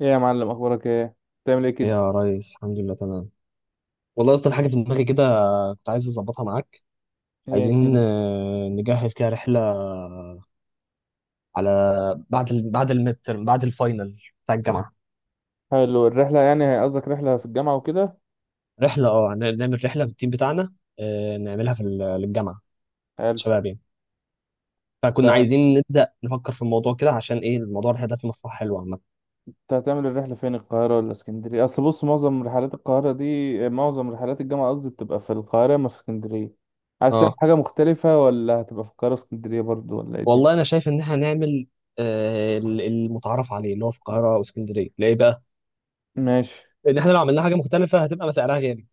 ايه يا معلم، اخبارك ايه؟ بتعمل ايه كده؟ يا ريس، الحمد لله تمام. والله اصلا حاجه في دماغي كده، كنت عايز اظبطها معاك. ايه عايزين الدنيا؟ نجهز كده رحله على بعد بعد الفاينل بتاع الجامعه. حلو الرحله، يعني قصدك رحله في الجامعه وكده؟ رحله نعمل رحله بالتيم بتاعنا، نعملها للجامعه. حلو. شباب يعني. فكنا عايزين نبدا نفكر في الموضوع كده، عشان ايه الموضوع الرحله ده فيه مصلحه حلوه عامه. انت هتعمل الرحله فين؟ القاهره ولا اسكندريه؟ اصل بص، معظم رحلات القاهره دي، معظم رحلات الجامعه قصدي، بتبقى في القاهره ما في اسكندريه. عايز تعمل اه، حاجه مختلفه ولا هتبقى في القاهره اسكندريه برضو ولا ايه والله الدنيا؟ انا شايف ان احنا هنعمل المتعارف عليه، اللي هو في القاهره واسكندريه، ليه بقى؟ ماشي. لان احنا لو عملنا حاجه مختلفه هتبقى سعرها غالي،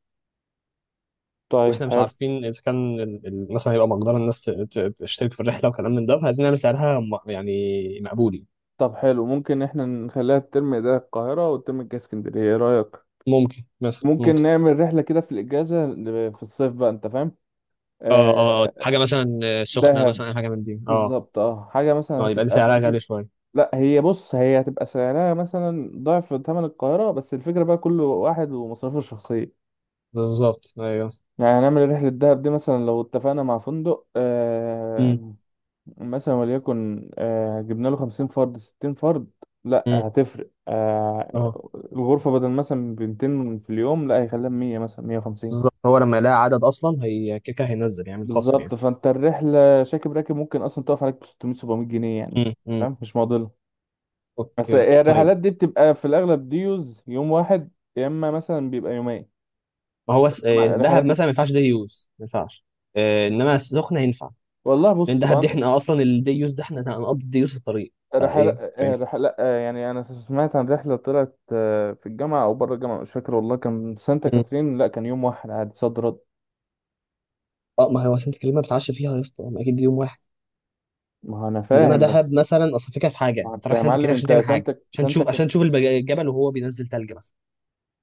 طيب واحنا مش حلو. عارفين اذا كان مثلا يبقى مقدار الناس تشترك في الرحله وكلام من ده. فعايزين نعمل سعرها يعني مقبول يعني. طب حلو، ممكن احنا نخليها الترم ده القاهره والترم الجاي اسكندريه، ايه رايك؟ ممكن مثلا ممكن ممكن. نعمل رحله كده في الاجازه، في الصيف بقى، انت فاهم. اه، اه، آه، حاجه مثلا سخنه، دهب. مثلا أي حاجه من دي، اه. بالظبط، اه حاجة مثلا اه، يبقى دي هتبقى في سعرها غالي حدود. شويه. لا هي بص، هي هتبقى سعرها مثلا ضعف ثمن القاهرة، بس الفكرة بقى كل واحد ومصاريفه الشخصية. بالظبط، ايوه. يعني هنعمل رحلة دهب دي مثلا لو اتفقنا مع فندق امم، آه مثلا وليكن جبنا له خمسين فرد ستين فرد. لا امم. هتفرق. اه، الغرفة بدل مثلا بمتين في اليوم لا هيخليها مية مثلا مية وخمسين. بالظبط. هو لما يلاقي عدد اصلا هي كيكه، هينزل يعمل خصم يعني. بالظبط، فانت الرحلة راكب ممكن اصلا تقف عليك بستمية سبعمية جنيه يعني. امم، امم. فاهم، مش معضلة. بس اوكي، طيب. الرحلات دي بتبقى في الأغلب ديوز يوم واحد، يا إما مثلا بيبقى يومين ما هو دهب رحلات. مثلا ما ينفعش دي يوز، ما ينفعش. انما سخنه ينفع. والله لان بص دهب هو دي أنا، احنا اصلا الدي يوز ده احنا هنقضي الدي يوز في الطريق، فايه رحلة مش هينفع. رحلة لأ، يعني أنا سمعت عن رحلة طلعت في الجامعة أو بره الجامعة مش فاكر والله، كان سانتا مم. كاترين، لا كان يوم واحد عادي صد رد. اه، ما هو سانت كاترين ما بتعش فيها يا اسطى، ما اكيد دي يوم واحد. ما هو أنا انما فاهم بس. دهب مثلا، اصل الفكره في ما حاجه هو انت أنت رايح يا سانت معلم، كاترين عشان أنت تعمل حاجه، سانتا سانتا عشان كاترين. تشوف الجبل وهو بينزل تلج مثلا.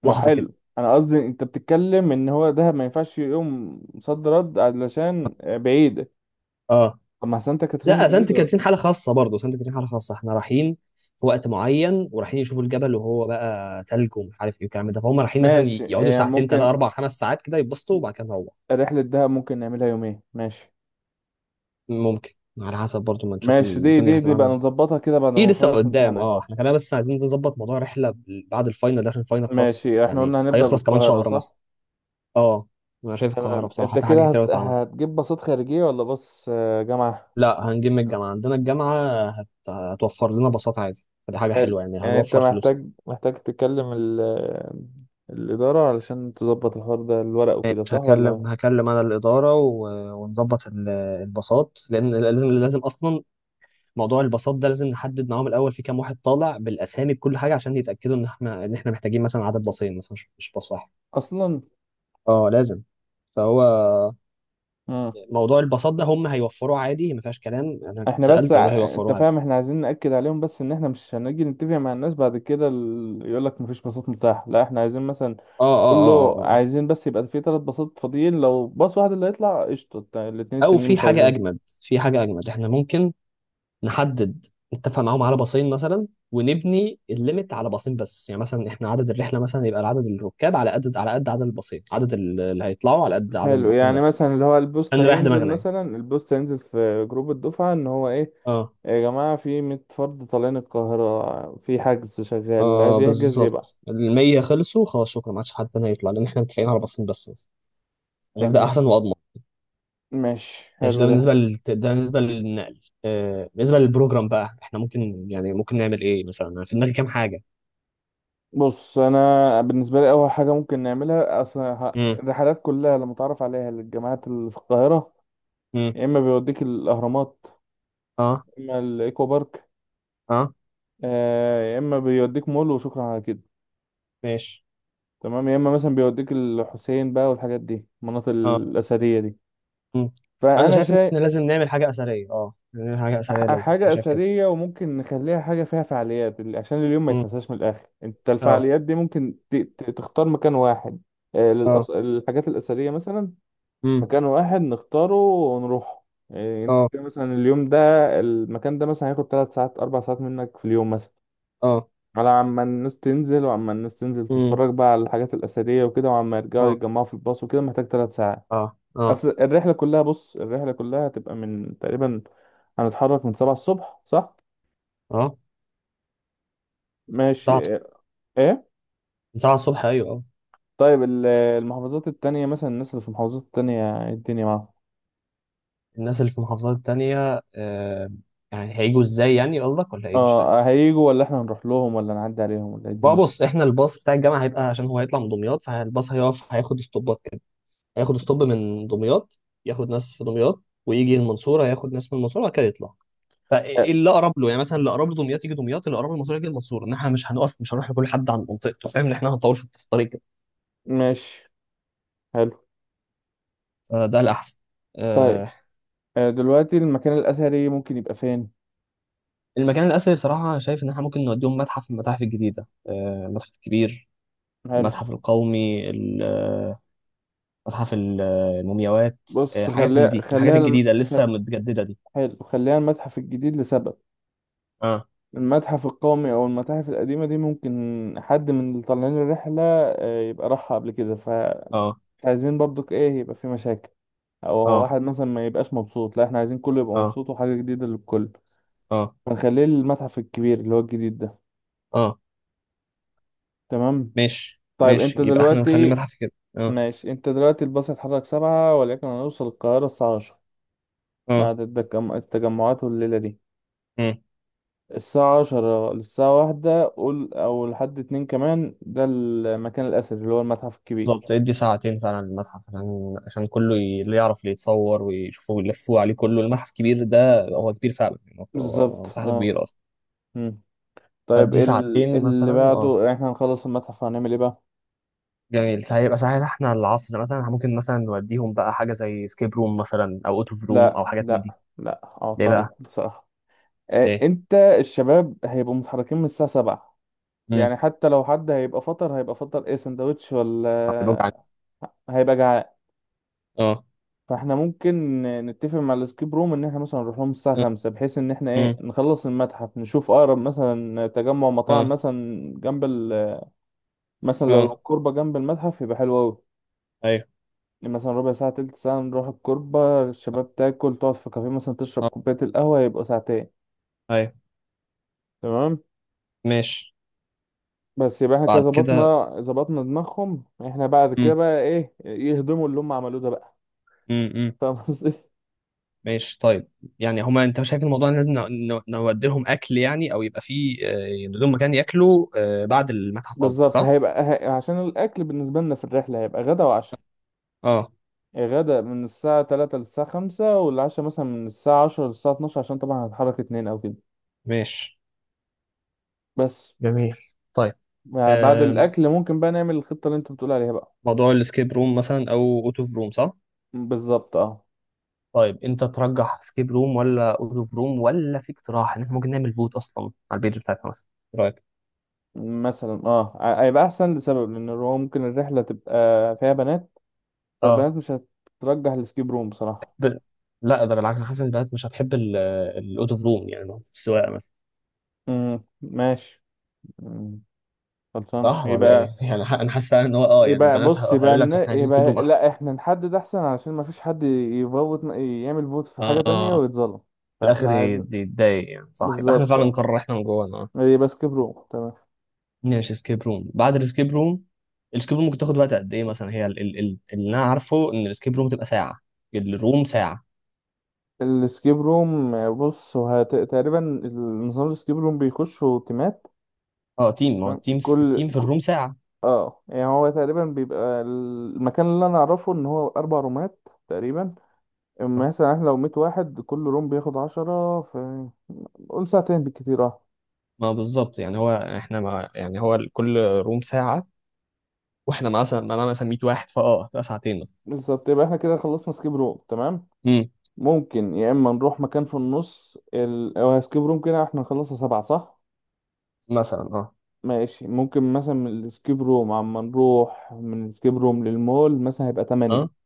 ما لحظه كده. حلو أنا قصدي، أنت بتتكلم إن هو دهب ما ينفعش يوم صد رد علشان بعيدة. اه. طب ما سانتا كاترين لا، سانت بعيدة. كاترين حاله خاصه، برضه سانت كاترين حاله خاصه، احنا رايحين في وقت معين، ورايحين يشوفوا الجبل وهو بقى تلج ومش عارف ايه والكلام ده، فهم رايحين مثلا ماشي يقعدوا يعني ساعتين، ممكن. ثلاثه اربع خمس ساعات كده، يتبسطوا وبعد كده نروح. رحلة دهب ممكن نعملها يومين، ماشي. ممكن. على حسب برضه ما نشوف ماشي، دي الدنيا دي هتبقى دي بقى عامله ازاي. نظبطها كده بعد في ما لسه نخلص قدام. امتحانات. اه احنا كنا بس عايزين نظبط موضوع رحله بعد الفاينل ده، عشان الفاينل خلاص ماشي، احنا يعني قلنا هنبدأ هيخلص كمان بالقاهرة شهر مثلا. صح. اه. انا شايف القاهره تمام، بصراحه انت في حاجه كده كتير أوي اتعمل. هتجيب باصات خارجية ولا باص جامعة. لا، هنجيب من الجامعه. عندنا الجامعه هتوفر لنا باصات عادي، فدي حاجه حلو. حلوه يعني، يعني انت هنوفر فلوس. محتاج تكلم الإدارة علشان تظبط الحوار ده، الورق ماشي، وكده صح ولا. هكلم انا الاداره ونظبط الباصات، لان لازم لازم اصلا. موضوع الباصات ده لازم نحدد معاهم الاول في كام واحد طالع بالاسامي بكل حاجه، عشان يتاكدوا ان احنا محتاجين مثلا عدد باصين، مثلا مش باص واحد. أصلا. اه، لازم. فهو مم. موضوع الباصات ده هم هيوفروه عادي، ما فيهاش كلام. انا كنت احنا بس سالت قالوا انت هيوفروه عادي. فاهم، احنا عايزين نأكد عليهم بس ان احنا مش هنجي نتفق مع الناس بعد كده، يقولك مفيش باصات متاحة، لا احنا عايزين مثلا. اه، اه، قول اه، اه، له آه. عايزين بس يبقى في ثلاث باصات فاضيين، لو باص واحد اللي هيطلع قشطه، الاتنين آه. او التانيين في مش حاجه عايزين. اجمد، في حاجه اجمد احنا ممكن نحدد نتفق معاهم على باصين مثلا، ونبني الليميت على باصين بس، يعني مثلا احنا عدد الرحله مثلا يبقى عدد الركاب على قد على قد عدد الباصين، عدد اللي هيطلعوا على قد عدد حلو، الباصين يعني بس. مثلا اللي هو البوست عشان نريح هينزل، دماغنا يعني. مثلا البوست هينزل في جروب الدفعه ان هو ايه. اه، يا جماعه، في 100 فرد طالعين القاهره في حجز شغال، اللي اه، عايز يحجز يبقى. بالظبط. ال 100 خلصوا خلاص، شكرا، ما عادش حد تاني هيطلع، لان احنا متفقين على باصين بس. انا شايف ده تمام. احسن واضمن. ماشي ماشي. حلو ده. ده بالنسبه للنقل. بالنسبه للبروجرام بقى احنا ممكن، يعني ممكن نعمل ايه مثلا؟ أنا في دماغي كام حاجه. بص انا بالنسبه لي اول حاجه ممكن نعملها اصلا، امم، الرحلات كلها لما تعرف عليها للجامعات اللي في القاهره، امم، يا اما بيوديك الاهرامات، اه، يا اما الايكو بارك، اه، يا اما بيوديك مول، وشكرا على كده. ماشي، تمام، يا اما مثلا بيوديك الحسين بقى، والحاجات دي المناطق اه، الاثريه دي. مم. انا فانا شايف ان شايف، احنا لازم نعمل حاجه اثريه، نعمل حاجه اثريه لازم، انا حاجه شايف كده. اثريه، وممكن نخليها حاجه فيها فعاليات عشان اليوم ما مم. يتنساش من الاخر. انت اه، الفعاليات دي ممكن تختار مكان واحد، اه، الحاجات الاثريه مثلا. امم، مكان واحد نختاره ونروح. انت اه، كده مثلا اليوم ده، المكان ده مثلا هياخد 3 ساعات 4 ساعات منك في اليوم مثلا، اه، على عما الناس تنزل، وعما الناس تنزل امم، تتفرج بقى على الحاجات الأثرية وكده، وعما يرجعوا اه، يتجمعوا في الباص وكده، محتاج ثلاث ساعات. اه، اه، أصل الرحلة كلها، بص الرحلة كلها هتبقى من تقريبا، هنتحرك من سبعة الصبح صح؟ اه. ماشي. ساعة. ايه؟ ساعة الصبح، ايوه، اه. طيب المحافظات التانية مثلا، الناس اللي في المحافظات التانية إيه الدنيا معاهم؟ الناس اللي في المحافظات التانية، يعني هيجوا ازاي يعني؟ قصدك ولا ايه، مش فاهم. اه هيجوا ولا احنا هنروح لهم ولا نعدي عليهم ولا إيه بقى الدنيا؟ بص، احنا الباص بتاع الجامعه هيبقى عشان هو هيطلع من دمياط، فالباص هيقف، هياخد ستوبات كده. هياخد ستوب من دمياط، ياخد ناس في دمياط، ويجي المنصوره ياخد ناس من المنصوره وبعد كده يطلع. آه، فايه اللي اقرب له، يعني مثلا اللي اقرب لدمياط يجي دمياط، اللي اقرب للمنصوره يجي المنصوره، ان احنا مش هنقف، مش هنروح لكل حد عن منطقته، فاهم؟ ان احنا هنطول في الطريق كده. ماشي، حلو. فده الاحسن. طيب، آه دلوقتي المكان الأثري ممكن يبقى فين؟ المكان الاثري بصراحه، شايف ان احنا ممكن نوديهم متحف من المتاحف الجديده، آه، المتحف الكبير. حلو. المتحف القومي، متحف المومياوات. بص حاجات من خليها دي، الحاجات خليها. الجديده اللي لسه متجدده دي. حلو، خليها المتحف الجديد لسبب. اه، المتحف القومي او المتاحف القديمه دي ممكن حد من اللي طالعين الرحله يبقى راحها قبل كده، فمش اه، عايزين برضك ايه، يبقى في مشاكل، او هو اه، واحد مثلا ما يبقاش مبسوط. لا احنا عايزين كله يبقى اه، مبسوط، وحاجه جديده للكل. اه، فنخليه المتحف الكبير اللي هو الجديد ده. اه، تمام. ماشي، طيب ماشي، انت يبقى احنا نخلي دلوقتي، المتحف كده. اه، ماشي، انت دلوقتي الباص هيتحرك سبعة، ولكن هنوصل القاهره الساعه عشرة اه، بعد التجمعات، والليله دي امم. الساعة عشرة للساعة واحدة قول، أو لحد اتنين كمان، ده المكان الأثري اللي هو المتحف الكبير. بالظبط، ادي ساعتين فعلا للمتحف، عشان كله اللي يعرف، اللي يتصور ويشوفوه ويلفوه عليه كله، المتحف كبير ده هو كبير فعلا يعني، بالظبط هو مساحته اه. كبيرة اصلا. مم. طيب فادي ساعتين اللي مثلا، اه. بعده يعني، احنا هنخلص المتحف هنعمل ايه بقى؟ جميل. ساعة، يبقى ساعات، احنا العصر مثلا ممكن مثلا نوديهم بقى حاجة زي سكيب روم مثلا، او اوت اوف روم، لا او حاجات من دي. لا لا ليه بقى؟ أعترض بصراحة. ليه؟ انت الشباب هيبقوا متحركين من الساعة سبعة، امم. يعني حتى لو حد هيبقى فطر، هيبقى فطر ايه؟ سندوتش هيبقوا ولا، جعانين. هيبقى جعان. اه، فاحنا ممكن نتفق مع الاسكيب روم ان احنا مثلا نروح لهم الساعه اه، 5، بحيث ان احنا ايه، امم، نخلص المتحف نشوف اقرب مثلا تجمع مطاعم اه، مثلا جنب مثلا لو اه، الكوربه جنب المتحف يبقى حلو قوي. ايوه، مثلا ربع ساعه تلت ساعه نروح الكوربه، الشباب تاكل تقعد في كافيه مثلا تشرب اه، كوبايه القهوه، يبقى ساعتين. ايوه، تمام. ماشي. بس يبقى احنا كده بعد كده. ظبطنا ظبطنا دماغهم، احنا بعد كده امم، بقى ايه، يهضموا اللي هم عملوه ده بقى. امم. فاهم قصدي. ماشي طيب. يعني هما انت شايف الموضوع إن لازم نودي لهم اكل يعني؟ او يبقى فيه لهم مكان ياكلوا بعد المتحف قصدك، بالظبط صح؟ هيبقى، عشان الاكل بالنسبه لنا في الرحله هيبقى غدا وعشاء. اه. غدا من الساعة تلاتة للساعة خمسة، والعشاء مثلا من الساعة عشرة للساعة اتناشر عشان طبعا هتحرك اتنين أو كده. ماشي. بس جميل. طيب. يعني بعد آم، الأكل ممكن بقى نعمل الخطة اللي أنت بتقول عليها بقى. موضوع الاسكيب روم مثلا او اوت اوف روم، صح؟ بالظبط اه. طيب انت ترجح سكيب روم ولا اوت اوف روم، ولا في اقتراح ان احنا ممكن نعمل فوت اصلا على البيج بتاعتنا مثلا. إيه رايك؟ مثلا اه هيبقى أحسن لسبب، لأن هو ممكن الرحلة تبقى فيها بنات، فالبنات اه. مش هترجح السكيب روم بصراحة. ب... لا، ده بالعكس، حاسس ان البنات مش هتحب الاوت اوف روم يعني، السواقه مثلا. ماشي. مم. خلصان صح ولا ايه؟ يبقى. يعني انا حاسس فعلا ان هو، اه يعني يبقى البنات بص، يبقى هيقول لك احنا عايزين كبرهم يبقى احسن. لا احنا نحدد احسن، علشان ما فيش حد يفوت يعمل فوت في حاجة تانية اه. ويتظلم. في الاخر فاحنا عايزين يتضايق يعني، صح، يبقى احنا بالظبط فعلا اه. نقرر احنا من جوانا، اه. يبقى سكيب روم تمام. ماشي. سكيب روم. بعد السكيب روم، السكيب روم ممكن تاخد وقت قد ايه مثلا؟ هي اللي انا عارفه ان السكيب روم تبقى ساعه. الروم ساعه. السكيب روم بص هو تقريبا النظام السكيب روم بيخشوا تيمات. اه. تيم. ما هو تمام، التيم التيم في الروم ساعه. اه يعني هو تقريبا بيبقى المكان اللي انا اعرفه ان هو اربع رومات تقريبا. آه، أما مثلا احنا لو 100 واحد، كل روم بياخد 10، في قول ساعتين بالكتير اه. ما هو بالظبط يعني. هو احنا، ما يعني هو كل روم ساعه، واحنا مثلا انا مثلا 100 واحد، فاه تبقى ساعتين مثلا. بالظبط، يبقى احنا كده خلصنا سكيب روم تمام. امم، ممكن يا اما نروح مكان في النص او سكيب روم كده. احنا نخلصها سبعة صح. مثلا. اه، ماشي، ممكن مثلا من الاسكيب روم، عما نروح من الاسكيب روم للمول مثلا هيبقى اه، تمانية.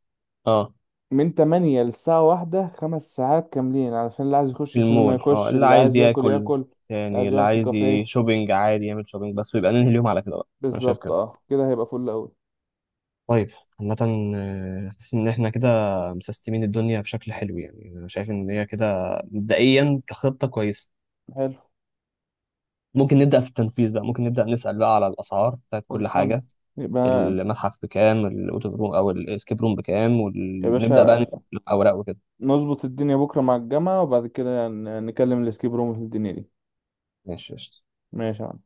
اه. من تمانية للساعة واحدة خمس ساعات كاملين، علشان اللي عايز يخش السينما المول، اه، يخش، اللي اللي عايز عايز ياكل ياكل ياكل، اللي تاني، عايز اللي يقعد في عايز كافيه. شوبينج عادي يعمل شوبينج بس، ويبقى ننهي اليوم على كده بقى. انا شايف بالظبط كده. اه، كده هيبقى فل أوي. طيب. عامة، حاسس ان احنا كده مسستمين الدنيا بشكل حلو، يعني انا شايف ان هي كده مبدئيا كخطة كويسة. حلو. ممكن نبدأ في التنفيذ بقى، ممكن نبدأ نسأل بقى على الأسعار بتاعت كل خلصان حاجة. يبقى المتحف بكام، الأوتوف روم أو الإسكيب روم بكام، يا ونبدأ باشا، بقى نكتب الأوراق وكده. نظبط الدنيا بكرة مع الجامعة، وبعد كده نكلم الاسكيب روم في الدنيا دي. ماشي، قشطة. ماشي يا عم.